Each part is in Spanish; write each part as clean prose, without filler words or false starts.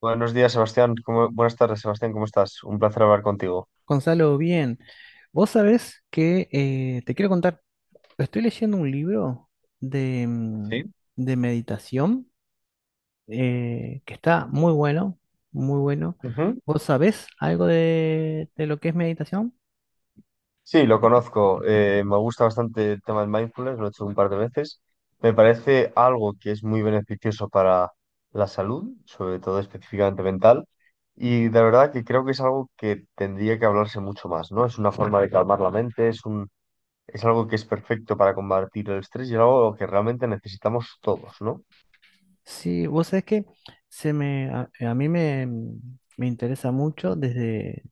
Buenos días, Sebastián. Buenas tardes, Sebastián. ¿Cómo estás? Un placer hablar contigo. Gonzalo, bien. Vos sabés que te quiero contar, estoy leyendo un libro de Sí. de meditación que está muy bueno, muy bueno. Ujú. ¿Vos sabés algo de lo que es meditación? Sí, lo conozco. Me gusta bastante el tema del mindfulness, lo he hecho un par de veces. Me parece algo que es muy beneficioso para la salud, sobre todo específicamente mental. Y de verdad que creo que es algo que tendría que hablarse mucho más, ¿no? Es una forma de calmar la mente, es algo que es perfecto para combatir el estrés y algo que realmente necesitamos todos, ¿no? Sí, vos sabés que se me, a mí me, mm, me interesa mucho desde,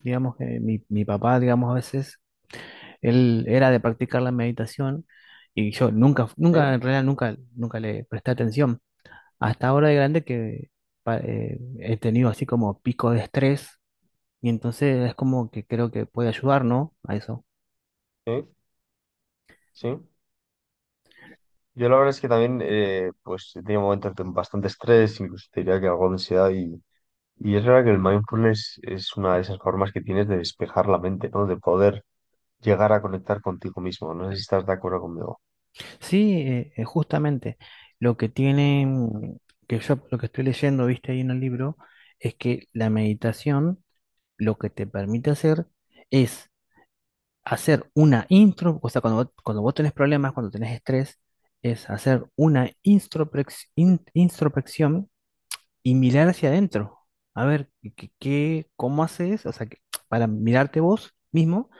digamos que mi papá, digamos, a veces, él era de practicar la meditación y yo nunca, nunca, Sí, en realidad nunca le presté atención. Hasta ahora de grande que he tenido así como pico de estrés y entonces es como que creo que puede ayudar, ¿no? A eso. sí, sí. Yo la verdad es que también, pues he tenido momentos de bastante estrés, incluso te diría que algo de ansiedad y es verdad que el mindfulness es una de esas formas que tienes de despejar la mente, ¿no? De poder llegar a conectar contigo mismo. No sé si estás de acuerdo conmigo. Sí, justamente lo que tiene, que yo lo que estoy leyendo, viste ahí en el libro, es que la meditación lo que te permite hacer es hacer una intro, o sea, cuando vos tenés problemas, cuando tenés estrés, es hacer una introspección y mirar hacia adentro. A ver, ¿cómo haces? O sea, para mirarte vos mismo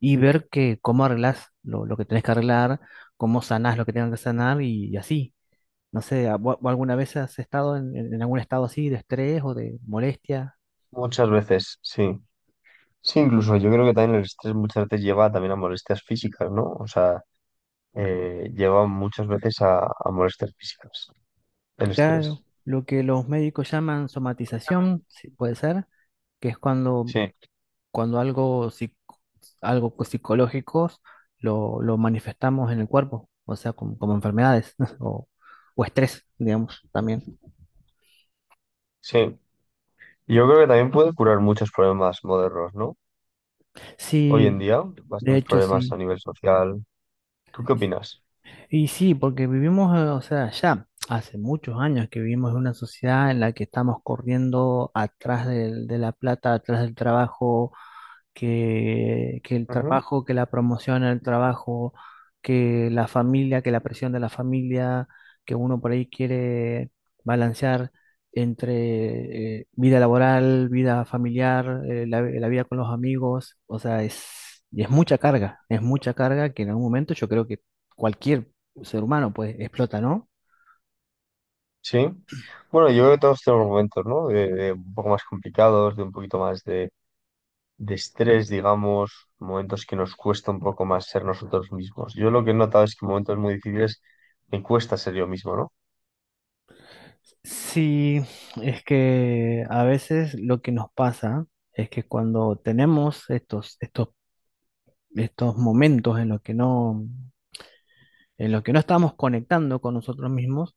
y ver que, cómo arreglás lo que tenés que arreglar, cómo sanás lo que tengas que sanar y así. No sé, ¿alguna vez has estado en algún estado así de estrés o de molestia? Muchas veces, sí. Sí, incluso yo creo que también el estrés muchas veces lleva también a molestias físicas, ¿no? O sea, lleva muchas veces a molestias físicas, el estrés. Claro, lo que los médicos llaman somatización, sí, puede ser, que es cuando Sí, algo, algo psicológicos lo manifestamos en el cuerpo, o sea, como enfermedades o, o estrés, digamos, también. sí. Yo creo que también puede curar muchos problemas modernos, ¿no? Hoy en Sí, día, de bastantes hecho problemas a sí. nivel social. ¿Tú qué opinas? Y sí, porque vivimos, o sea, ya hace muchos años que vivimos en una sociedad en la que estamos corriendo de la plata, atrás del trabajo que el Ujú. trabajo, que la promoción al trabajo, que la familia, que la presión de la familia, que uno por ahí quiere balancear entre vida laboral, vida familiar, la vida con los amigos, o sea, y es mucha carga que en algún momento yo creo que cualquier ser humano pues explota, ¿no? Sí. Bueno, yo creo que todos tenemos momentos, ¿no? De un poco más complicados, de un poquito más de estrés, digamos, momentos que nos cuesta un poco más ser nosotros mismos. Yo lo que he notado es que en momentos muy difíciles me cuesta ser yo mismo, ¿no? Sí, es que a veces lo que nos pasa es que cuando tenemos estos estos momentos en los que no, en los que no estamos conectando con nosotros mismos,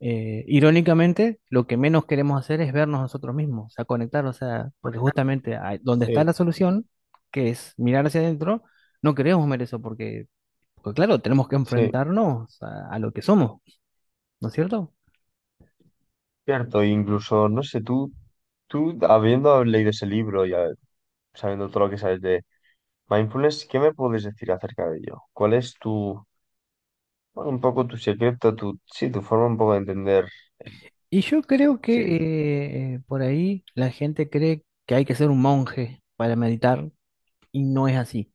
irónicamente, lo que menos queremos hacer es vernos nosotros mismos, o sea, conectar, o sea, porque justamente donde está Sí, la solución, que es mirar hacia adentro, no queremos ver eso, porque, claro, tenemos que sí, enfrentarnos a lo que somos, ¿no es cierto? cierto. Incluso, no sé, tú habiendo leído ese libro y sabiendo todo lo que sabes de mindfulness, ¿qué me puedes decir acerca de ello? ¿Cuál es bueno, un poco tu secreto, tu, sí, tu forma un poco de entender, Y yo creo sí. que por ahí la gente cree que hay que ser un monje para meditar, y no es así.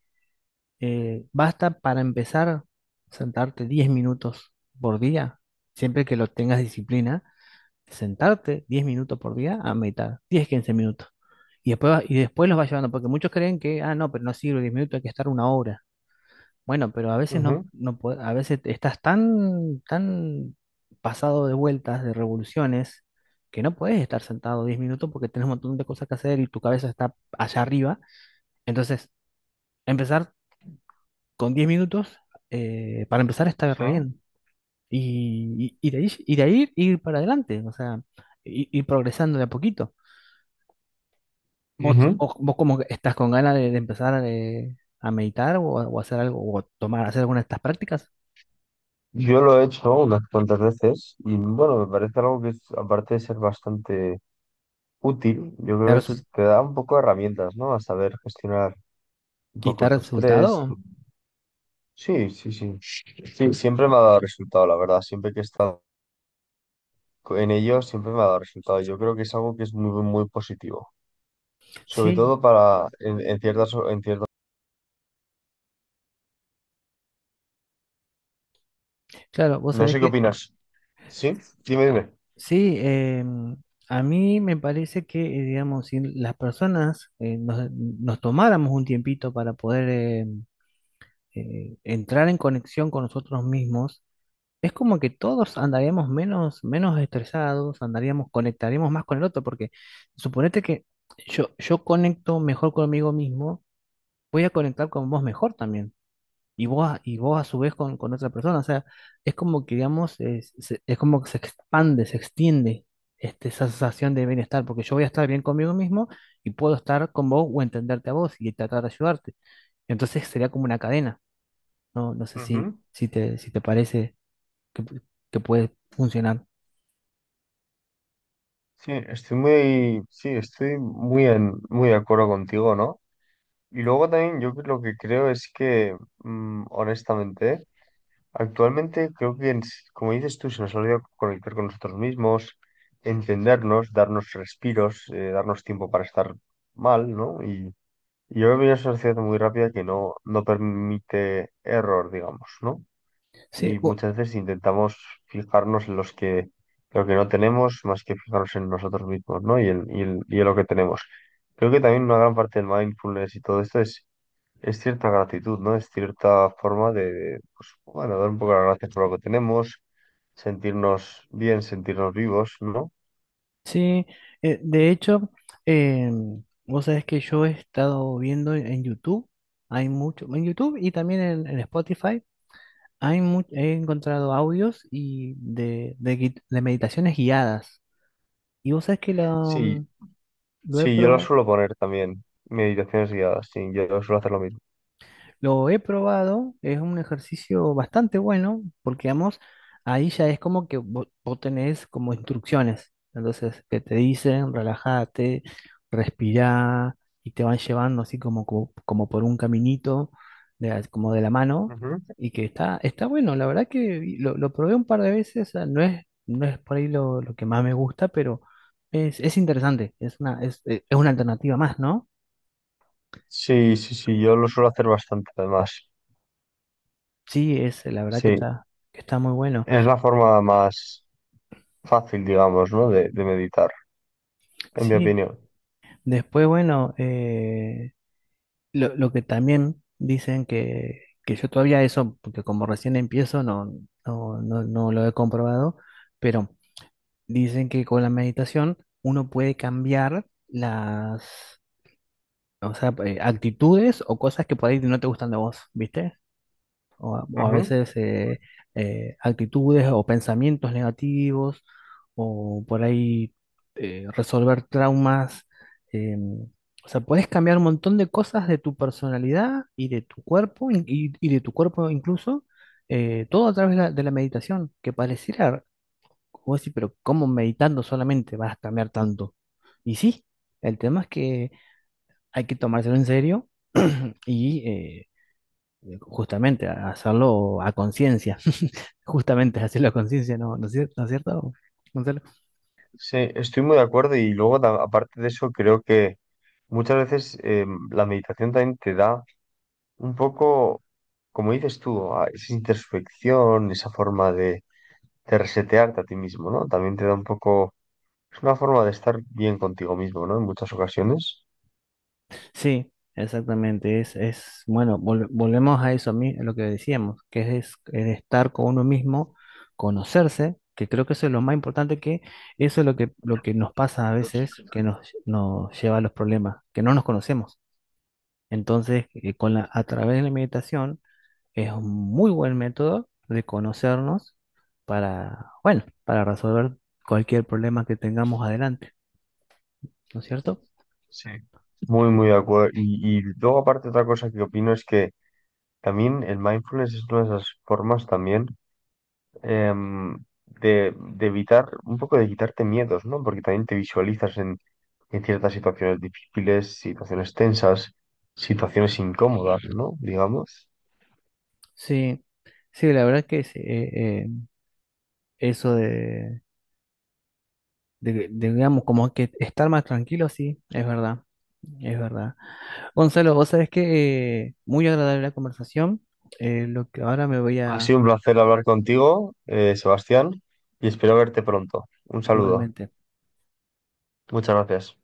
Basta para empezar sentarte 10 minutos por día, siempre que lo tengas disciplina, sentarte 10 minutos por día a meditar, 10 15 minutos. Y después, y después los vas llevando, porque muchos creen que, ah, no, pero no sirve 10 minutos, hay que estar una hora. Bueno, pero a veces no, Ujú, a veces estás tan pasado de vueltas, de revoluciones, que no puedes estar sentado 10 minutos porque tenés un montón de cosas que hacer y tu cabeza está allá arriba. Entonces, empezar con 10 minutos, para empezar, está sí. re bien. Y de ahí, y de ahí ir para adelante, o sea, ir, progresando de a poquito. ¿Vos, Ujú. vos, vos como que estás con ganas de empezar a meditar o hacer algo, o tomar, hacer alguna de estas prácticas? Yo lo he hecho unas cuantas veces y bueno, me parece algo que es, aparte de ser bastante útil, yo ¿Te creo ha que resul- te da un poco de herramientas, ¿no? A saber gestionar un ¿Y te ha poco tu estrés. resultado? Sí, sí, sí. Sí, siempre me ha dado resultado, la verdad. Siempre que he estado en ello, siempre me ha dado resultado. Yo creo que es algo que es muy, muy positivo. Sobre Sí, todo para en ciertas, en ciertas. claro, vos No sabés sé qué que opinas. ¿Sí? Dime, dime. sí, a mí me parece que, digamos, si las personas nos tomáramos un tiempito para poder entrar en conexión con nosotros mismos. Es como que todos andaríamos menos estresados, andaríamos, conectaríamos más con el otro, porque suponete que yo conecto mejor conmigo mismo, voy a conectar con vos mejor también, y vos, y vos a su vez con otra persona, o sea, es como que, digamos, es como que se expande, se extiende esa sensación de bienestar, porque yo voy a estar bien conmigo mismo y puedo estar con vos o entenderte a vos y tratar de ayudarte. Entonces sería como una cadena, ¿no? No sé Ujú. Si te parece que, pu- que puede funcionar. Sí, estoy muy, sí, muy de acuerdo contigo, ¿no? Y luego también yo lo que creo es que, honestamente, actualmente creo que, como dices tú, se nos olvida conectar con nosotros mismos, entendernos, darnos respiros, darnos tiempo para estar mal, ¿no? Y yo veo una sociedad muy rápida que no permite error, digamos, ¿no? Sí, Y bu- muchas veces intentamos fijarnos en lo que no tenemos más que fijarnos en nosotros mismos, ¿no? Y en lo que tenemos. Creo que también una gran parte del mindfulness y todo esto es cierta gratitud, ¿no? Es cierta forma de, pues, bueno, dar un poco las gracias por lo que tenemos, sentirnos bien, sentirnos vivos, ¿no? sí, de hecho, eh, vos sabés que yo he estado viendo en YouTube, hay mucho, en YouTube y también en Spotify, he encontrado audios de meditaciones guiadas. Y vos sabés que lo, Sí, lo he sí, yo lo probado. suelo poner también, meditaciones guiadas, sí, yo suelo hacer lo mismo. Lo he probado, es un ejercicio bastante bueno, porque vamos, ahí ya es como que vos, tenés como instrucciones, entonces que te dicen, relájate, respirá, y te van llevando así como por un caminito, como de la mano, Ujú. y que está, está bueno, la verdad que lo probé un par de veces, o no es, no es por ahí lo que más me gusta, pero es interesante, es una alternativa más, ¿no? Sí, sí, sí, yo lo suelo hacer bastante además. Sí, es, la verdad Sí, que está muy bueno. es la forma más fácil, digamos, ¿no? De meditar, en mi Sí, opinión. después, bueno, lo que también dicen que yo todavía eso, porque como recién empiezo, no lo he comprobado, pero dicen que con la meditación uno puede cambiar las, o sea, actitudes o cosas que por ahí no te gustan de vos, ¿viste? O a Ujú. veces actitudes o pensamientos negativos, o por ahí resolver traumas. em, o sea, puedes cambiar un montón de cosas de tu personalidad y de tu cuerpo, y de tu cuerpo incluso, todo a través de la meditación, que pareciera, como decir, pero ¿cómo meditando solamente vas a cambiar tanto? Y sí, el tema es que hay que tomárselo en serio y justamente hacerlo a conciencia. Justamente es hacer la conciencia, ¿no? No es cierto, Gonzalo? Sí, estoy muy de acuerdo y luego, aparte de eso, creo que muchas veces la meditación también te da un poco, como dices tú, a esa introspección, esa forma de resetearte a ti mismo, ¿no? También te da un poco, es una forma de estar bien contigo mismo, ¿no? En muchas ocasiones. Sí, exactamente. Es bueno, volvemos a eso, a mí, a lo que decíamos, que es estar con uno mismo, conocerse, que creo que eso es lo más importante, que eso es lo que nos pasa a veces, que nos, nos lleva a los problemas, que no nos conocemos. Entonces, con la, a través de la meditación es un muy buen método de conocernos para, bueno, para resolver cualquier problema que tengamos adelante, ¿no es cierto? Sí. Muy, muy de acuerdo. Y luego, aparte, otra cosa que opino es que también el mindfulness es una de esas formas también. em, de evitar, un poco de quitarte miedos, ¿no? Porque también te visualizas en ciertas situaciones difíciles, situaciones tensas, situaciones incómodas, ¿no? Digamos. Sí, sí, la verdad que sí, eso de, digamos, como que estar más tranquilo, sí, es verdad, es verdad. Gonzalo, vos sabés que muy agradable la conversación, lo que ahora me voy Ha a, sido un placer hablar contigo, Sebastián, y espero verte pronto. Un saludo. igualmente, Muchas gracias.